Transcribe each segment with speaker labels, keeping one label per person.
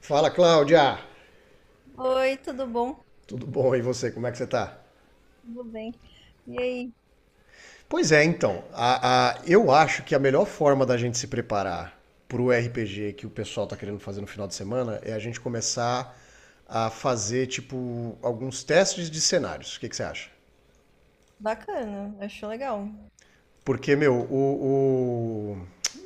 Speaker 1: Fala, Cláudia!
Speaker 2: Oi, tudo bom?
Speaker 1: Tudo bom? E você, como é que você tá?
Speaker 2: Tudo bem. E aí?
Speaker 1: Pois é, então, eu acho que a melhor forma da gente se preparar pro RPG que o pessoal tá querendo fazer no final de semana é a gente começar a fazer, tipo, alguns testes de cenários. O que, que você acha?
Speaker 2: Bacana, achou legal.
Speaker 1: Porque, meu, o,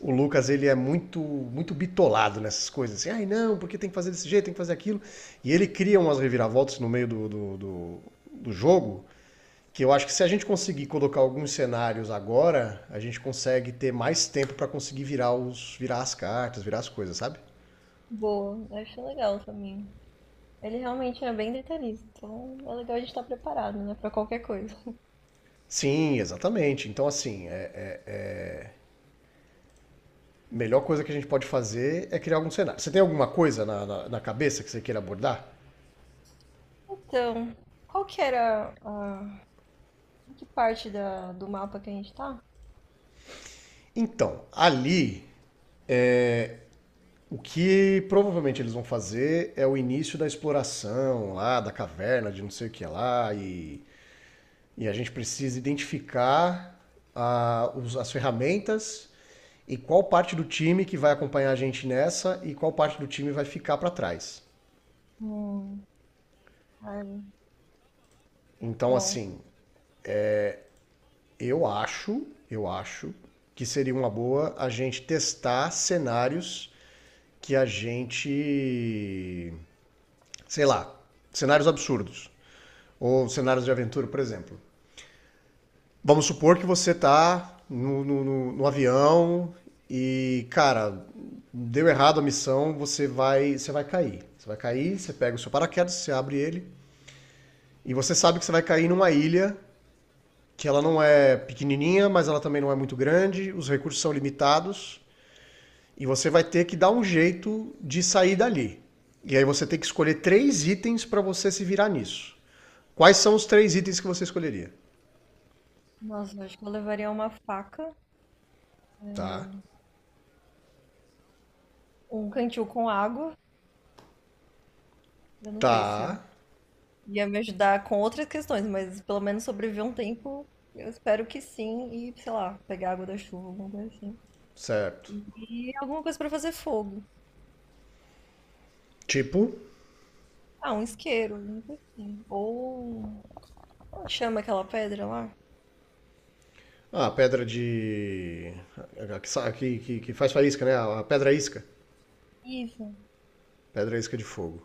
Speaker 1: o, o Lucas, ele é muito muito bitolado nessas coisas. Assim, ai não, porque tem que fazer desse jeito, tem que fazer aquilo. E ele cria umas reviravoltas no meio do jogo. Que eu acho que se a gente conseguir colocar alguns cenários agora, a gente consegue ter mais tempo para conseguir virar, os, virar as cartas, virar as coisas, sabe?
Speaker 2: Boa, achou legal também. Ele realmente é bem detalhista, então é legal a gente estar preparado, né, pra qualquer coisa.
Speaker 1: Sim, exatamente. Então, assim, melhor coisa que a gente pode fazer é criar algum cenário. Você tem alguma coisa na cabeça que você queira abordar?
Speaker 2: Então, qual que era a... em que parte da... do mapa que a gente tá?
Speaker 1: Então, ali, o que provavelmente eles vão fazer é o início da exploração lá, da caverna, de não sei o que lá, e a gente precisa identificar a as ferramentas. E qual parte do time que vai acompanhar a gente nessa e qual parte do time vai ficar para trás?
Speaker 2: Hum, ai,
Speaker 1: Então,
Speaker 2: bom,
Speaker 1: assim, eu acho que seria uma boa a gente testar cenários que a gente, sei lá, cenários absurdos ou cenários de aventura, por exemplo. Vamos supor que você tá no avião e, cara, deu errado a missão, você vai cair. Você vai cair, você pega o seu paraquedas, você abre ele. E você sabe que você vai cair numa ilha que ela não é pequenininha, mas ela também não é muito grande, os recursos são limitados e você vai ter que dar um jeito de sair dali. E aí você tem que escolher 3 itens para você se virar nisso. Quais são os 3 itens que você escolheria?
Speaker 2: nossa, eu acho que eu levaria uma faca,
Speaker 1: Tá.
Speaker 2: um cantil com água. Eu não sei
Speaker 1: Tá.
Speaker 2: se ia me ajudar com outras questões, mas pelo menos sobreviver um tempo, eu espero que sim. E, sei lá, pegar água da chuva, alguma coisa assim.
Speaker 1: Certo.
Speaker 2: E alguma coisa pra fazer fogo.
Speaker 1: Tipo,
Speaker 2: Ah, um isqueiro, alguma coisa assim. Ou como chama aquela pedra lá.
Speaker 1: a pedra de. Que faz faísca, né? A pedra isca.
Speaker 2: Isso.
Speaker 1: Pedra isca de fogo.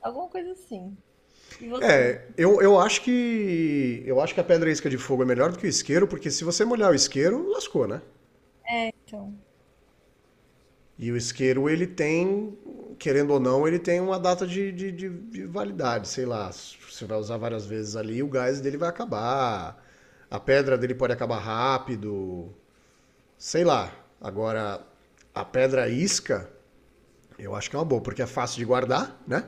Speaker 2: Alguma coisa assim. E você,
Speaker 1: É, eu acho que. Eu acho que a pedra e a isca de fogo é melhor do que o isqueiro, porque se você molhar o isqueiro, lascou, né?
Speaker 2: então?
Speaker 1: E o isqueiro, ele tem, querendo ou não, ele tem uma data de validade, sei lá. Você vai usar várias vezes ali, o gás dele vai acabar. A pedra dele pode acabar rápido, sei lá. Agora, a pedra isca, eu acho que é uma boa, porque é fácil de guardar, né?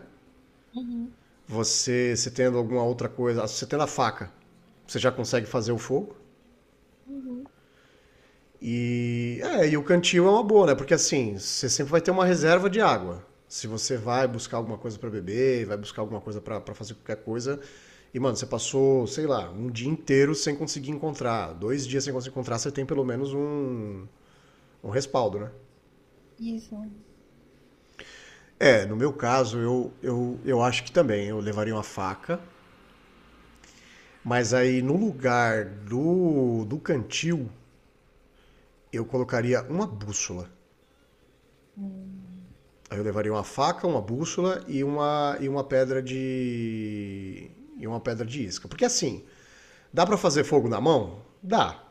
Speaker 2: Uhum,
Speaker 1: Você, se tendo alguma outra coisa, você tendo a faca, você já consegue fazer o fogo.
Speaker 2: uhum.
Speaker 1: E, é, e o cantil é uma boa, né? Porque assim, você sempre vai ter uma reserva de água. Se você vai buscar alguma coisa para beber, vai buscar alguma coisa para fazer qualquer coisa, e, mano, você passou, sei lá, um dia inteiro sem conseguir encontrar, 2 dias sem conseguir encontrar, você tem pelo menos um respaldo, né?
Speaker 2: Isso.
Speaker 1: É, no meu caso, eu acho que também eu levaria uma faca, mas aí no lugar do cantil, eu colocaria uma bússola.
Speaker 2: Hum.
Speaker 1: Aí eu levaria uma faca, uma bússola e uma pedra de. E uma pedra de isca. Porque assim, dá para fazer fogo na mão? Dá.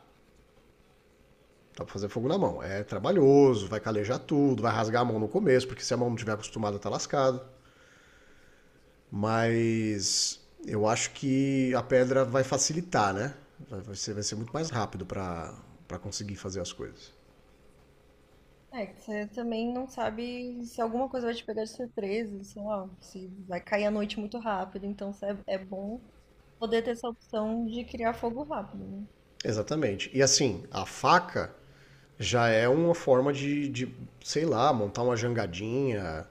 Speaker 1: Dá para fazer fogo na mão. É trabalhoso, vai calejar tudo, vai rasgar a mão no começo, porque se a mão não estiver acostumada, tá lascado. Mas eu acho que a pedra vai facilitar, né? Vai ser muito mais rápido para conseguir fazer as coisas.
Speaker 2: É, que você também não sabe se alguma coisa vai te pegar de surpresa, sei lá, se vai cair a noite muito rápido, então é bom poder ter essa opção de criar fogo rápido, né?
Speaker 1: Exatamente. E assim, a faca já é uma forma de, sei lá, montar uma jangadinha,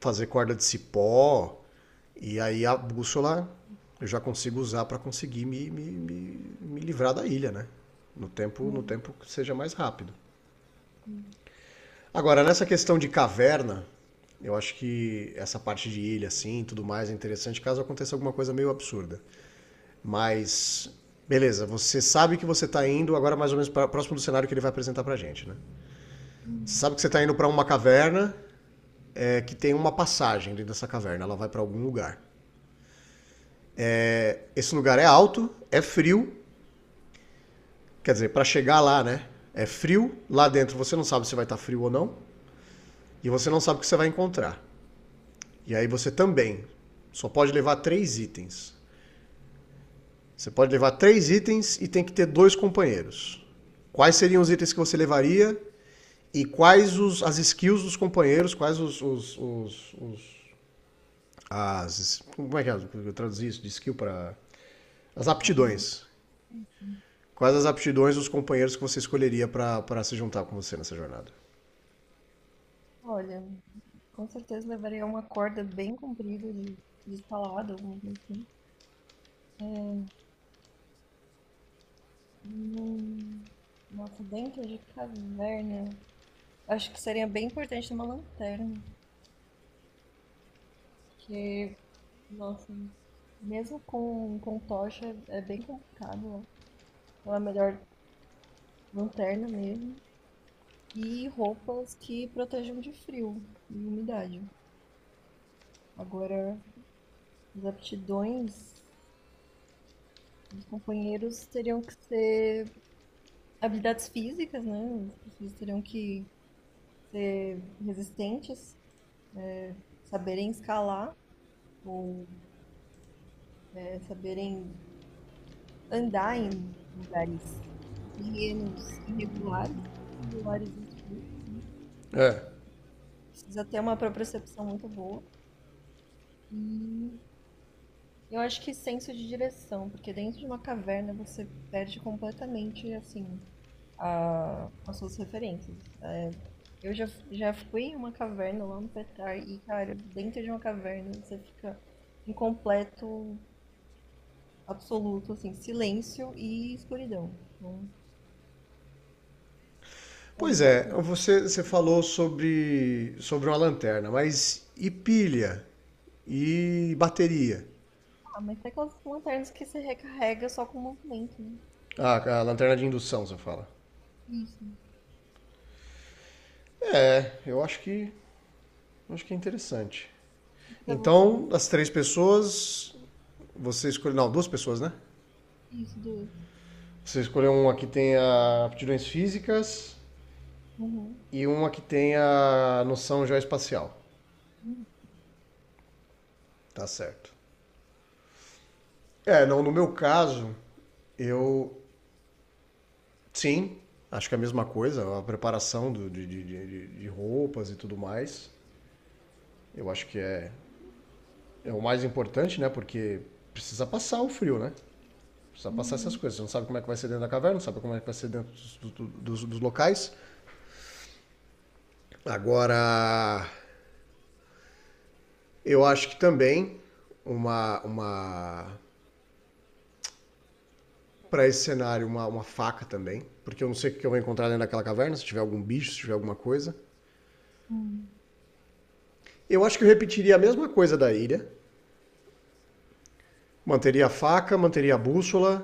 Speaker 1: fazer corda de cipó, e aí a bússola eu já consigo usar para conseguir me livrar da ilha, né? No
Speaker 2: Hum,
Speaker 1: tempo que seja mais rápido.
Speaker 2: sim.
Speaker 1: Agora, nessa questão de caverna, eu acho que essa parte de ilha, assim, tudo mais, é interessante caso aconteça alguma coisa meio absurda. Mas, beleza, você sabe que você está indo agora mais ou menos pra, próximo do cenário que ele vai apresentar pra gente, né? Você
Speaker 2: Hum.
Speaker 1: sabe que você está indo para uma caverna é, que tem uma passagem dentro dessa caverna, ela vai para algum lugar. Esse lugar é alto, é frio, quer dizer, para chegar lá, né? É frio, lá dentro você não sabe se vai estar tá frio ou não, e você não sabe o que você vai encontrar. E aí você também só pode levar 3 itens. Você pode levar três itens e tem que ter 2 companheiros. Quais seriam os itens que você levaria? E quais os, as skills dos companheiros, quais as, como é que é, eu traduzi isso de skill para as
Speaker 2: Habilidade,
Speaker 1: aptidões? Quais as aptidões dos companheiros que você escolheria para se juntar com você nessa jornada?
Speaker 2: olha, com certeza levaria uma corda bem comprida de escalada, alguma coisa assim. Hum, nossa, dentro de caverna, acho que seria bem importante ter uma lanterna. Porque, nossa, mesmo com tocha é bem complicado, ó. Então é melhor lanterna mesmo. E roupas que protejam de frio e umidade. Agora, as aptidões dos companheiros teriam que ser habilidades físicas, né? As pessoas teriam que ser resistentes, saberem escalar ou saberem andar em lugares terrenos irregulares, irregulares e escuros.
Speaker 1: É.
Speaker 2: Precisa ter uma propriocepção muito boa. E eu acho que senso de direção, porque dentro de uma caverna você perde completamente, assim, as suas referências. É, eu já fui em uma caverna lá no Petar e, cara, dentro de uma caverna você fica em completo, absoluto, assim, silêncio e escuridão. Então, é
Speaker 1: Pois é,
Speaker 2: isso.
Speaker 1: você falou sobre uma lanterna, mas e pilha? E bateria?
Speaker 2: Ah, mas tem aquelas lanternas que você recarrega só com o movimento, né?
Speaker 1: Ah, a lanterna de indução, você fala.
Speaker 2: Isso.
Speaker 1: É, eu acho que é interessante.
Speaker 2: E pra você.
Speaker 1: Então, as 3 pessoas, você escolheu. Não, 2 pessoas, né?
Speaker 2: Isso, duas.
Speaker 1: Você escolheu uma que tenha aptidões físicas
Speaker 2: Uhum.
Speaker 1: e uma que tenha noção geoespacial. Tá certo. É, não, no meu caso, eu sim, acho que é a mesma coisa, a preparação de roupas e tudo mais. Eu acho que é, é o mais importante, né? Porque precisa passar o frio, né? Precisa passar essas
Speaker 2: Uhum,
Speaker 1: coisas. Você não sabe como é que vai ser dentro da caverna, não sabe como é que vai ser dentro dos locais. Agora, eu acho que também uma para esse cenário uma faca também, porque eu não sei o que eu vou encontrar dentro daquela caverna, se tiver algum bicho, se tiver alguma coisa.
Speaker 2: uhum,
Speaker 1: Eu acho que eu repetiria a mesma coisa da ilha. Manteria a faca, manteria a bússola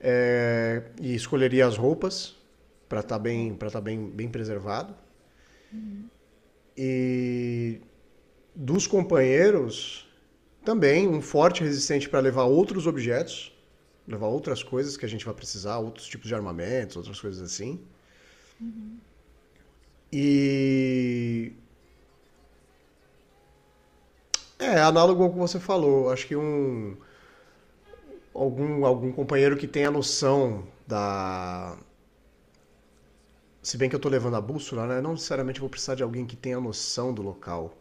Speaker 1: é, e escolheria as roupas para estar tá
Speaker 2: é,
Speaker 1: bem, bem preservado.
Speaker 2: uhum,
Speaker 1: E dos companheiros, também um forte resistente para levar outros objetos, levar outras coisas que a gente vai precisar, outros tipos de armamentos, outras coisas assim.
Speaker 2: uhum.
Speaker 1: E. É, análogo ao que você falou. Acho que um algum companheiro que tenha noção da. Se bem que eu tô levando a bússola, né? Não necessariamente vou precisar de alguém que tenha noção do local.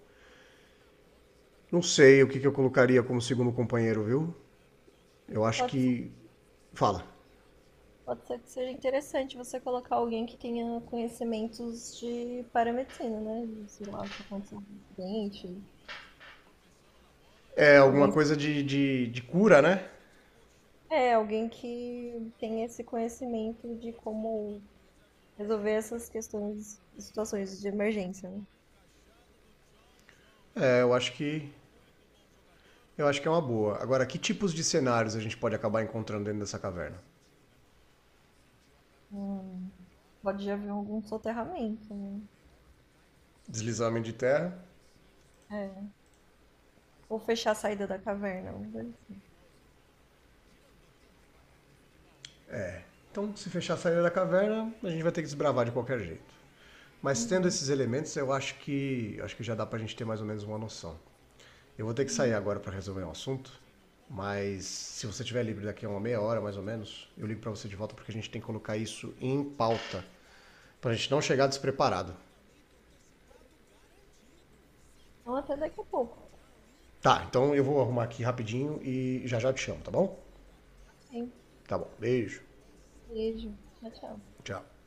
Speaker 1: Não sei o que, que eu colocaria como segundo companheiro, viu? Eu acho
Speaker 2: Pode ser,
Speaker 1: que. Fala.
Speaker 2: pode ser que seja interessante você colocar alguém que tenha conhecimentos de paramedicina, né? De, sei lá, só consulta do dente.
Speaker 1: É alguma
Speaker 2: Alguém,
Speaker 1: coisa de cura, né?
Speaker 2: é, alguém que tenha esse conhecimento de como resolver essas questões, situações de emergência, né?
Speaker 1: É, eu acho que. Eu acho que é uma boa. Agora, que tipos de cenários a gente pode acabar encontrando dentro dessa caverna?
Speaker 2: Hum, pode já haver algum soterramento, né?
Speaker 1: Deslizamento de terra.
Speaker 2: É. Ou fechar a saída da caverna, alguma coisa assim.
Speaker 1: Então, se fechar a saída da caverna, a gente vai ter que desbravar de qualquer jeito. Mas tendo
Speaker 2: Uhum,
Speaker 1: esses elementos, eu acho que já dá para a gente ter mais ou menos uma noção. Eu vou ter que sair
Speaker 2: uhum.
Speaker 1: agora para resolver um assunto, mas se você estiver livre daqui a uma meia hora, mais ou menos, eu ligo para você de volta porque a gente tem que colocar isso em pauta, para a gente não chegar despreparado.
Speaker 2: Então, até daqui a pouco.
Speaker 1: Tá, então eu vou arrumar aqui rapidinho e já já te chamo, tá bom?
Speaker 2: Ok?
Speaker 1: Tá bom. Beijo.
Speaker 2: Beijo. Tchau, tchau.
Speaker 1: Tchau.